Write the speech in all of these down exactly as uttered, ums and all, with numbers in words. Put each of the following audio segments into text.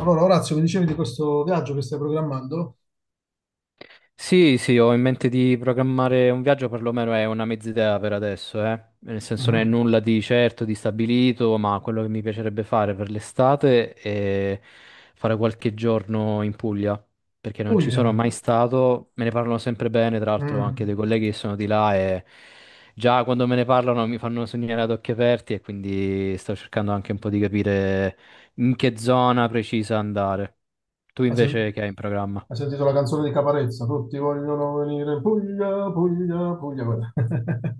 Allora, Orazio, mi dicevi di questo viaggio che stai programmando? Sì, sì, ho in mente di programmare un viaggio, perlomeno è una mezz'idea per adesso, eh. Nel senso non è Mhm. nulla di certo, di stabilito, ma quello che mi piacerebbe fare per l'estate è fare qualche giorno in Puglia, perché non ci Puglia. sono mai stato, me ne parlano sempre bene, tra l'altro anche Mm. dei colleghi che sono di là e già quando me ne parlano mi fanno sognare ad occhi aperti e quindi sto cercando anche un po' di capire in che zona precisa andare. Tu Hai sen- invece che hai in programma? hai sentito la canzone di Caparezza? Tutti vogliono venire in Puglia, Puglia, Puglia, quella.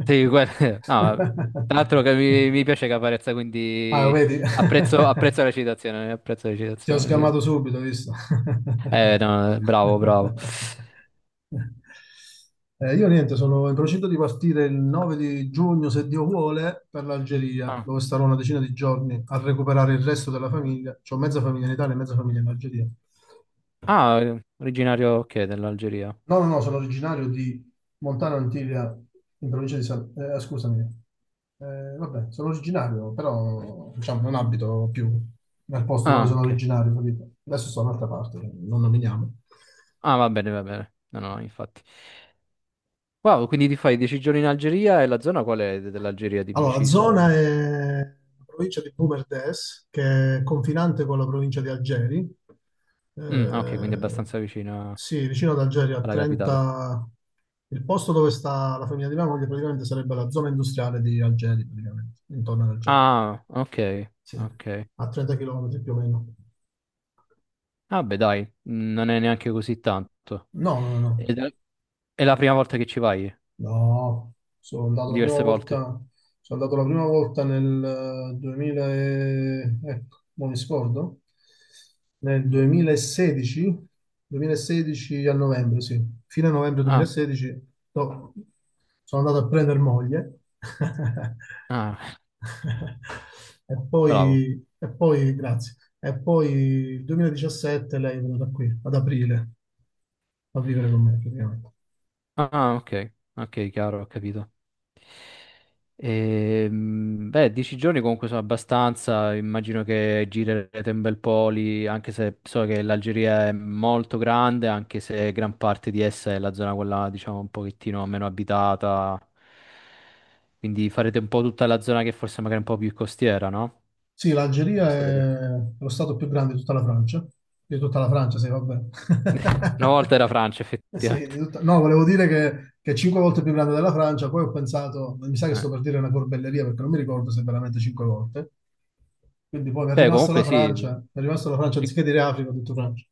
Sì, que- no, tra l'altro che mi, mi piace Caparezza, Ah, quindi vedi? apprezzo, apprezzo la citazione, apprezzo la Ti ho citazione, sì. sgamato subito, hai visto? Eh, no, eh, bravo, bravo. Eh, io niente, sono in procinto di partire il nove di giugno, se Dio vuole, per l'Algeria, Ah, dove starò una decina di giorni a recuperare il resto della famiglia. C'ho mezza famiglia in Italia e mezza famiglia in Algeria. ah, eh, originario, ok, dell'Algeria. No, no, no, sono originario di Montana Antilia, in provincia di San, eh, eh, scusami. Eh, vabbè, sono originario, però diciamo, non abito più nel posto dove Ah, sono ok. originario, capito? Adesso sto da un'altra parte, non nominiamo. Ah, va bene, va bene. No, no, infatti. Wow, quindi ti fai dieci giorni in Algeria e la zona qual è de- dell'Algeria di Allora, la preciso? zona è la provincia di Boumerdès, che è confinante con la provincia di Algeri. Mm, ah, ok, quindi Eh, abbastanza vicina sì, vicino ad Algeri, a alla capitale. trenta. Il posto dove sta la famiglia di mia moglie praticamente sarebbe la zona industriale di Algeri, praticamente, intorno ad Algeri. Ah, ok, Sì, ok. a trenta chilometri più o meno. Ah, beh, dai, mh, non è neanche così tanto. No, no, no. Ed è è la prima volta che ci vai? No, sono andato la prima Diverse volta, volte? sono andato la prima volta nel eh, duemila e- ecco, non mi scordo, nel duemilasedici, duemilasedici a novembre, sì, fine novembre Ah, duemilasedici, no, sono andato a prendere moglie ah, e bravo. poi, e poi, grazie, e poi il duemiladiciassette lei è venuta qui, ad aprile, a vivere con me praticamente. Ah, ok, ok, chiaro, ho capito. Ehm, beh, dieci giorni comunque sono abbastanza, immagino che girerete un bel po' lì, anche se so che l'Algeria è molto grande, anche se gran parte di essa è la zona quella, diciamo, un pochettino meno abitata. Quindi farete un po' tutta la zona che forse magari è un po' più costiera, no? Sì, Quando l'Algeria state lì. è lo stato più grande di tutta la Francia, di tutta la Francia, sì, vabbè. Una volta era Francia, Eh, Sì, di effettivamente. tutta- no, volevo dire che, che è cinque volte più grande della Francia, poi ho pensato, mi sa che Eh. sto per dire una corbelleria perché non mi ricordo se è veramente cinque volte. Quindi poi mi è Beh, rimasto comunque la sì. Francia, mi è rimasto la Francia, anziché dire Africa, ho detto Francia.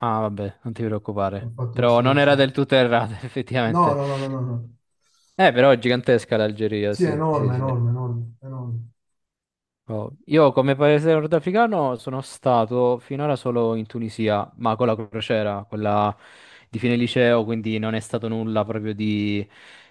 Ah, vabbè, non ti Ho preoccupare. fatto Però questo non era lapsus. del tutto errata, No, effettivamente. no, no, no, no. no. Eh, però è gigantesca l'Algeria, Sì, è sì, sì, enorme, sì. enorme, enorme, enorme. Oh, io come paese nordafricano sono stato finora solo in Tunisia, ma con la crociera, quella di fine liceo, quindi non è stato nulla proprio di,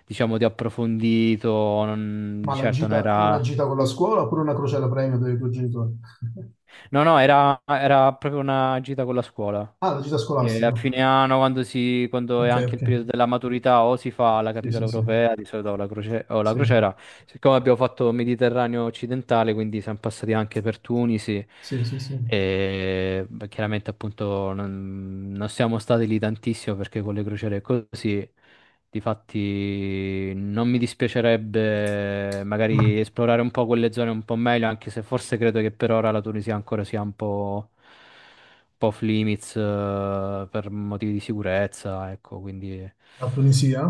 diciamo, di approfondito, non- Ma di la certo non gita, una era. gita con la scuola oppure una crociera premio dei tuoi genitori? No, no, era, era proprio una gita con la scuola. Ah, la gita E a scolastica. fine anno, quando, si, quando è Ok, anche ok. il periodo della maturità, o si fa la Sì, capitale sì, sì. europea, di solito o la, croce- o la Sì, crociera. Siccome abbiamo fatto Mediterraneo occidentale, quindi siamo passati anche per Tunisi. sì, sì, sì. E beh, chiaramente, appunto, non, non siamo stati lì tantissimo perché con le crociere è così. Difatti, non mi dispiacerebbe Mm. magari esplorare un po' quelle zone un po' meglio, anche se forse credo che per ora la Tunisia ancora sia un po', un po' off limits, eh, per motivi di sicurezza, ecco, quindi. La Tunisia?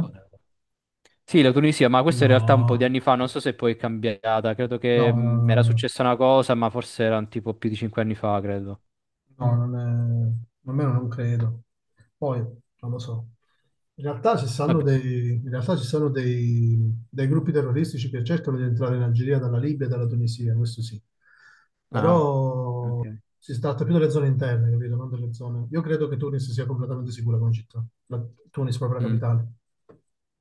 Sì, la Tunisia, ma questo in realtà un po' di No. anni fa, non so se poi è cambiata, credo che No, no, mh, no, era no. successa una cosa, ma forse erano tipo più di cinque anni fa, credo. No, non è, almeno non credo. Poi, non lo so. In realtà ci stanno Vabbè. dei, in realtà ci sono dei, dei gruppi terroristici che cercano di entrare in Algeria dalla Libia e dalla Tunisia, questo sì. Ah, Però ok. si tratta più delle zone interne, capito? Non delle zone. Io credo che Tunis sia completamente sicura come città. La, Tunis, proprio la Mm. capitale.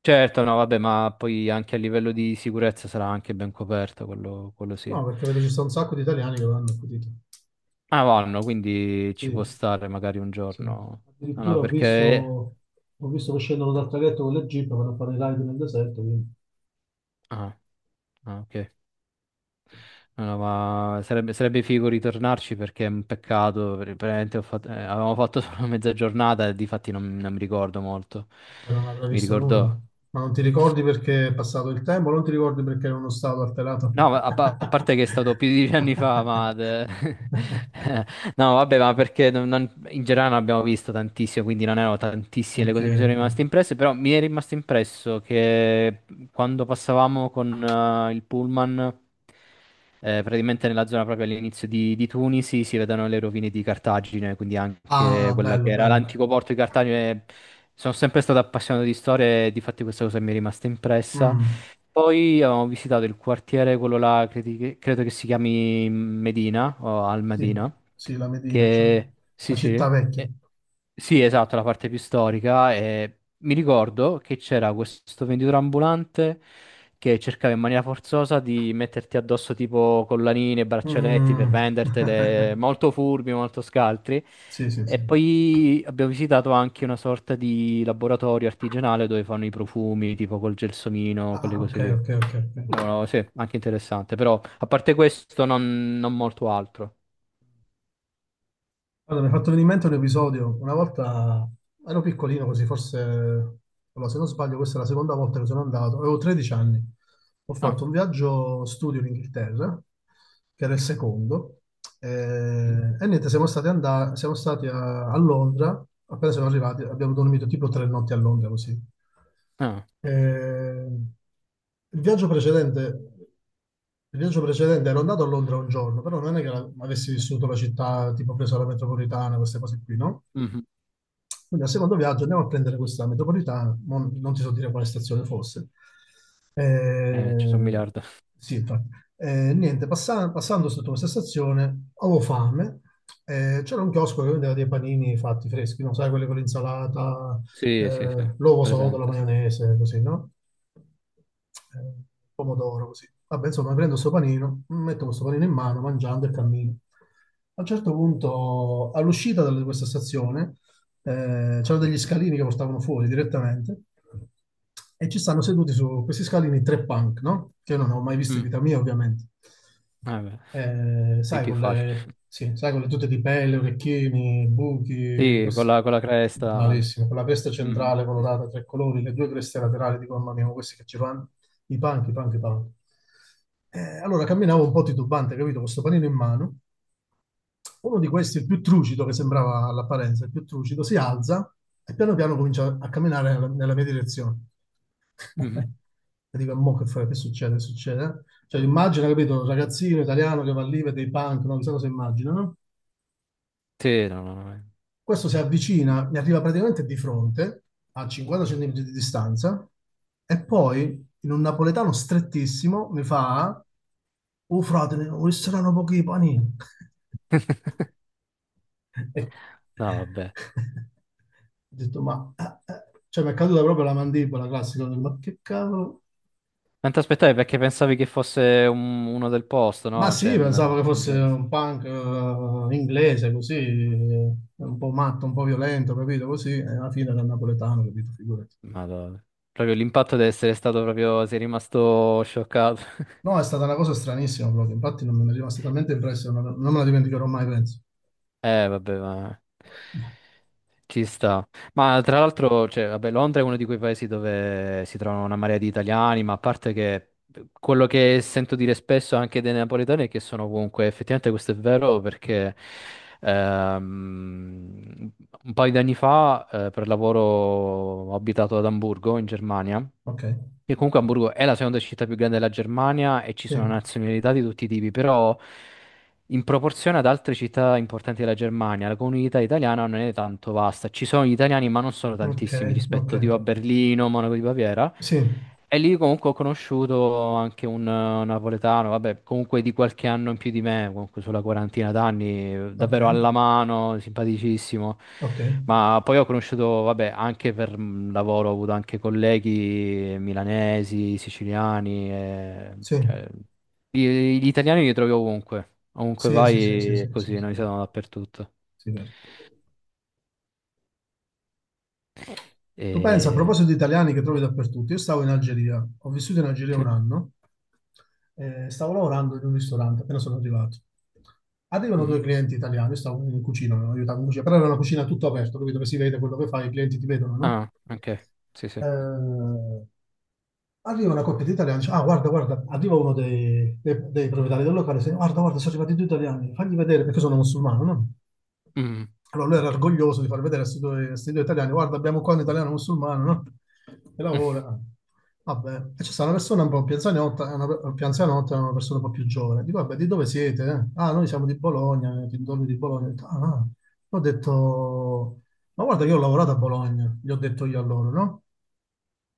Certo, no, vabbè, ma poi anche a livello di sicurezza sarà anche ben coperto, quello, quello sì. No, perché vedo ci sta un sacco di italiani che l'hanno accudito. Ah, vanno, quindi ci Sì. può stare magari un Sì. giorno. No, no, Addirittura ho visto, perché. ho visto che scendono dal traghetto con le jeep per fare i raid nel deserto, quindi. Ah, ah, ok. No, no, ma sarebbe, sarebbe figo ritornarci perché è un peccato, per- veramente ho fatto- eh, avevamo fatto solo mezza giornata e difatti non, non mi ricordo molto. Vabbè, non avrei Mi visto nulla. ricordo. Ma non ti ricordi perché è passato il tempo? Non ti ricordi perché era uno stato alterato? No, ma a, pa- a parte che è stato più di dieci anni fa, ma. de- No, vabbè, ma perché non- non- in generale non abbiamo visto tantissimo, quindi non erano tantissime le Ok, cose che mi sono ok. rimaste impresse, però mi è rimasto impresso che quando passavamo con eh, il pullman, eh, praticamente nella zona proprio all'inizio di, di Tunisi, si vedono le rovine di Cartagine, quindi anche Ah, quella bello, che era bello. l'antico porto di Cartagine. eh, Sono sempre stato appassionato di storia e di fatti questa cosa mi è rimasta impressa. Mm, Poi abbiamo visitato il quartiere, quello là, credi che- credo che si chiami Medina o Al sì, Medina, sì, la Medina, diciamo. che La sì, sì, città vecchia. eh, Sì, esatto, la parte più storica. E mi ricordo che c'era questo venditore ambulante che cercava in maniera forzosa di metterti addosso tipo collanine, braccialetti per Mm. vendertele, molto furbi, molto scaltri. Sì, sì, E sì. poi abbiamo visitato anche una sorta di laboratorio artigianale dove fanno i profumi, tipo col gelsomino, Ah, quelle ah, ok, cose lì. ok, ok, No, ok. no, sì, anche interessante, però a parte questo non, non molto altro. Guarda, mi hai fatto venire in mente un episodio. Una volta ero piccolino così, forse, allora, se non sbaglio, questa è la seconda volta che sono andato. Avevo tredici anni. Ho Ah, fatto un viaggio studio in Inghilterra, che era il secondo. eh, E, niente, siamo stati, andati, siamo stati a, a Londra. Appena siamo arrivati, abbiamo dormito tipo tre notti a Londra così. ah, ok. Eh, il viaggio precedente, il viaggio precedente ero andato a Londra un giorno, però non è che la- avessi vissuto la città, tipo preso la metropolitana, queste cose qui, no? Mhm. Quindi al secondo viaggio andiamo a prendere questa metropolitana, mo- non, ti so dire quale stazione fosse. Eh, ci sono un Eh, miliardo. sì, infatti. Eh, niente, passa- passando sotto questa stazione avevo fame, eh, c'era un chiosco che vendeva dei panini fatti freschi, non sai, quelli con l'insalata, Sì, sì, sì, eh, l'uovo sodo, la presente, sì. maionese, così, no? Eh, pomodoro, così. Vabbè, insomma, prendo questo panino, metto questo panino in mano, mangiando e cammino. A un certo punto, all'uscita da questa stazione, eh, c'erano degli Mhm. scalini che portavano fuori direttamente e ci stanno seduti su questi scalini tre punk, no? Che io non ho mai visto in Mm. vita mia, ovviamente. Eh beh, Eh, è sai, più con facile. le, sì, sai, con le tute di pelle, orecchini, buchi, Sì, con questi- la, con la cresta. Bravissimo, con la cresta Mhm, centrale sì, sì. colorata a tre colori, le due creste laterali, dico, mamma mia, ma questi che ci vanno, i punk, i punk, i punk. Eh, allora camminavo un po' titubante, capito, con sto panino in mano, uno di questi, il più trucido, che sembrava all'apparenza il più trucido, si alza e piano piano comincia a camminare nella, nella mia direzione. Mhm. E dico, mo che fai? Che succede? Che succede? Cioè, immagina, capito, un ragazzino italiano che va lì, vede i punk, non so cosa immagina, no? Sì, no, no, no. Eh. Questo si Non c'è. avvicina, mi arriva praticamente di fronte, a cinquanta centimetri di distanza, e poi, in un napoletano strettissimo, mi fa, oh frate, ne- oh, saranno pochi i panini. Ecco. No, vabbè. Ho detto, ma ah, ah. cioè, mi è caduta proprio la mandibola classica. Ho detto, ma che cavolo? Non ti aspettavi perché pensavi che fosse un- uno del posto, Ma no? Cioè, sì, in pensavo in che fosse inglese. un punk eh, inglese, così, eh, un po' matto, un po' violento, capito? Così, e alla fine era napoletano, capito? Figurati. Madonna. Proprio l'impatto deve essere stato proprio. Sei rimasto scioccato. No, è stata una cosa stranissima proprio. Infatti, non mi è rimasta talmente impressa, non, non me la dimenticherò mai, penso. Eh, vabbè, ma ci sta. Ma tra l'altro, cioè, vabbè, Londra è uno di quei paesi dove si trovano una marea di italiani, ma a parte che quello che sento dire spesso anche dei napoletani è che sono ovunque. Effettivamente questo è vero perché ehm, un paio di anni fa, eh, per lavoro, ho abitato ad Amburgo, in Germania. Ok, Che comunque Hamburgo è la seconda città più grande della Germania e ci sì, sono nazionalità di tutti i tipi, però in proporzione ad altre città importanti della Germania, la comunità italiana non è tanto vasta. Ci sono gli italiani, ma non sono ok, tantissimi ok, rispetto tipo a Berlino, Monaco di Baviera. sì, E lì comunque ho conosciuto anche un eh, napoletano, vabbè, comunque di qualche anno in più di me, comunque sulla quarantina d'anni, eh, ok, davvero alla mano, simpaticissimo. ok, Ma poi ho conosciuto, vabbè, anche per mm, lavoro, ho avuto anche colleghi milanesi, siciliani, eh, sì, cioè, gli, gli italiani li trovi ovunque, ovunque sì, sì, sì, sì, vai è sì, sì, così, noi siamo dappertutto. sì, vero. Tu pensa, a E. proposito di italiani che trovi dappertutto, io stavo in Algeria, ho vissuto in Algeria Sì? un anno, eh, stavo lavorando in un ristorante, appena sono arrivato. Arrivano Mhm. due clienti italiani, io stavo in cucina, mi aiutavo in cucina, però era una cucina tutto aperto, capito? Che si vede quello che fai, i clienti ti vedono, no? Ah, ok, sì, sì. Eh, arriva una coppia di italiani, dice, ah guarda, guarda, arriva uno dei, dei- dei proprietari del locale, dice, guarda, guarda, sono arrivati due italiani, fagli vedere perché sono musulmano, no? Mhm. Allora lui era Ok. orgoglioso di far vedere a questi due, a sti due italiani, guarda, abbiamo qua un italiano musulmano, no? Che lavora. Vabbè, e ci sta una persona un po' più anzianotta, e una, più anzianotta e una persona un po' più giovane. Dico, vabbè, di dove siete, eh? Ah, noi siamo di Bologna, eh, di dove di Bologna. Ho detto, ah, ah. Ho detto, ma guarda che io ho lavorato a Bologna, gli ho detto io a loro, no?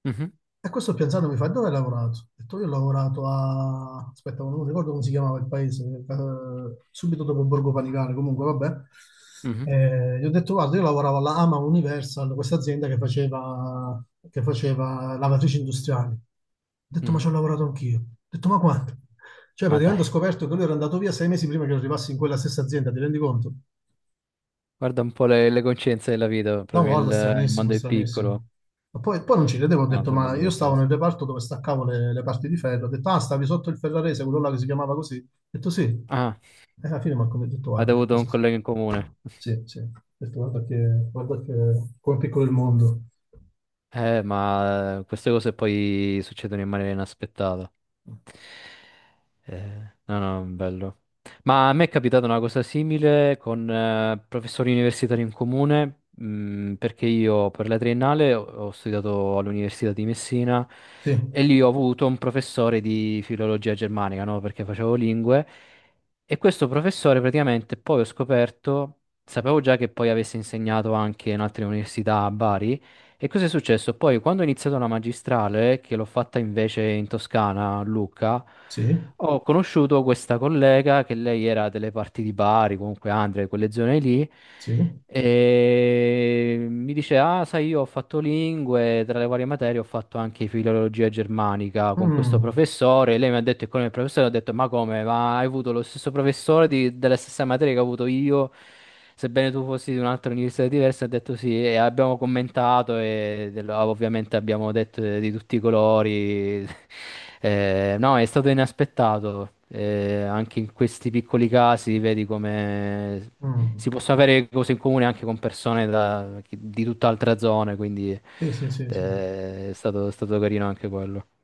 Mhm. E questo pensando mi fa, dove hai lavorato? Ho detto, io ho lavorato a, aspetta, non ricordo come si chiamava il paese, eh, subito dopo Borgo Panigale, comunque, vabbè. Mhm, Eh, gli ho detto, guarda, io lavoravo alla AMA Universal, questa azienda che faceva, che faceva, lavatrici industriali. Ho detto, ma ci mhm. ho lavorato anch'io. Ho detto, ma quanto? Cioè, Ma praticamente ho dai, scoperto che lui era andato via sei mesi prima che io arrivassi in quella stessa azienda, ti rendi conto? guarda un po' le, le coscienze della vita, No, proprio il, guarda, il stranissimo, mondo è stranissimo. piccolo. Ma poi, poi non ci credevo, ho No, detto, sono ma belle io queste stavo cose. nel reparto dove staccavo le, le parti di ferro, ho detto, ah, stavi sotto il ferrarese, quello là che si chiamava così. Ho detto sì. Ah, E alla fine Marco mi ha detto, guarda avete che avuto un cosa... si- collega in comune. Sì, sì. Ho detto, guarda che, guarda che... come è piccolo il mondo. Eh, ma eh, queste cose poi succedono in maniera inaspettata. Eh, no, no, bello. Ma a me è capitata una cosa simile con eh, professori universitari in comune, mh, perché io per la triennale ho, ho studiato all'Università di Messina Sì, e lì ho avuto un professore di filologia germanica, no? Perché facevo lingue. E questo professore praticamente poi ho scoperto, sapevo già che poi avesse insegnato anche in altre università a Bari. E cosa è successo? Poi, quando ho iniziato la magistrale, che l'ho fatta invece in Toscana, a Lucca, sì, ho conosciuto questa collega che lei era delle parti di Bari, comunque Andria, di quelle zone lì, sì. e mi dice, ah, sai, io ho fatto lingue, tra le varie materie ho fatto anche filologia germanica con questo Mm, professore. Lei mi ha detto, e con il professore ho detto, ma come? Ma hai avuto lo stesso professore di- della stessa materia che ho avuto io? Sebbene tu fossi di un'altra università diversa, ha detto sì, e abbiamo commentato e del- ovviamente abbiamo detto di tutti i colori. Eh, no, è stato inaspettato. Eh, anche in questi piccoli casi vedi come si mm. possono avere cose in comune anche con persone da- di tutt'altra zona, quindi Sì, sì, sì, sì. eh, è stato, è stato, carino anche quello.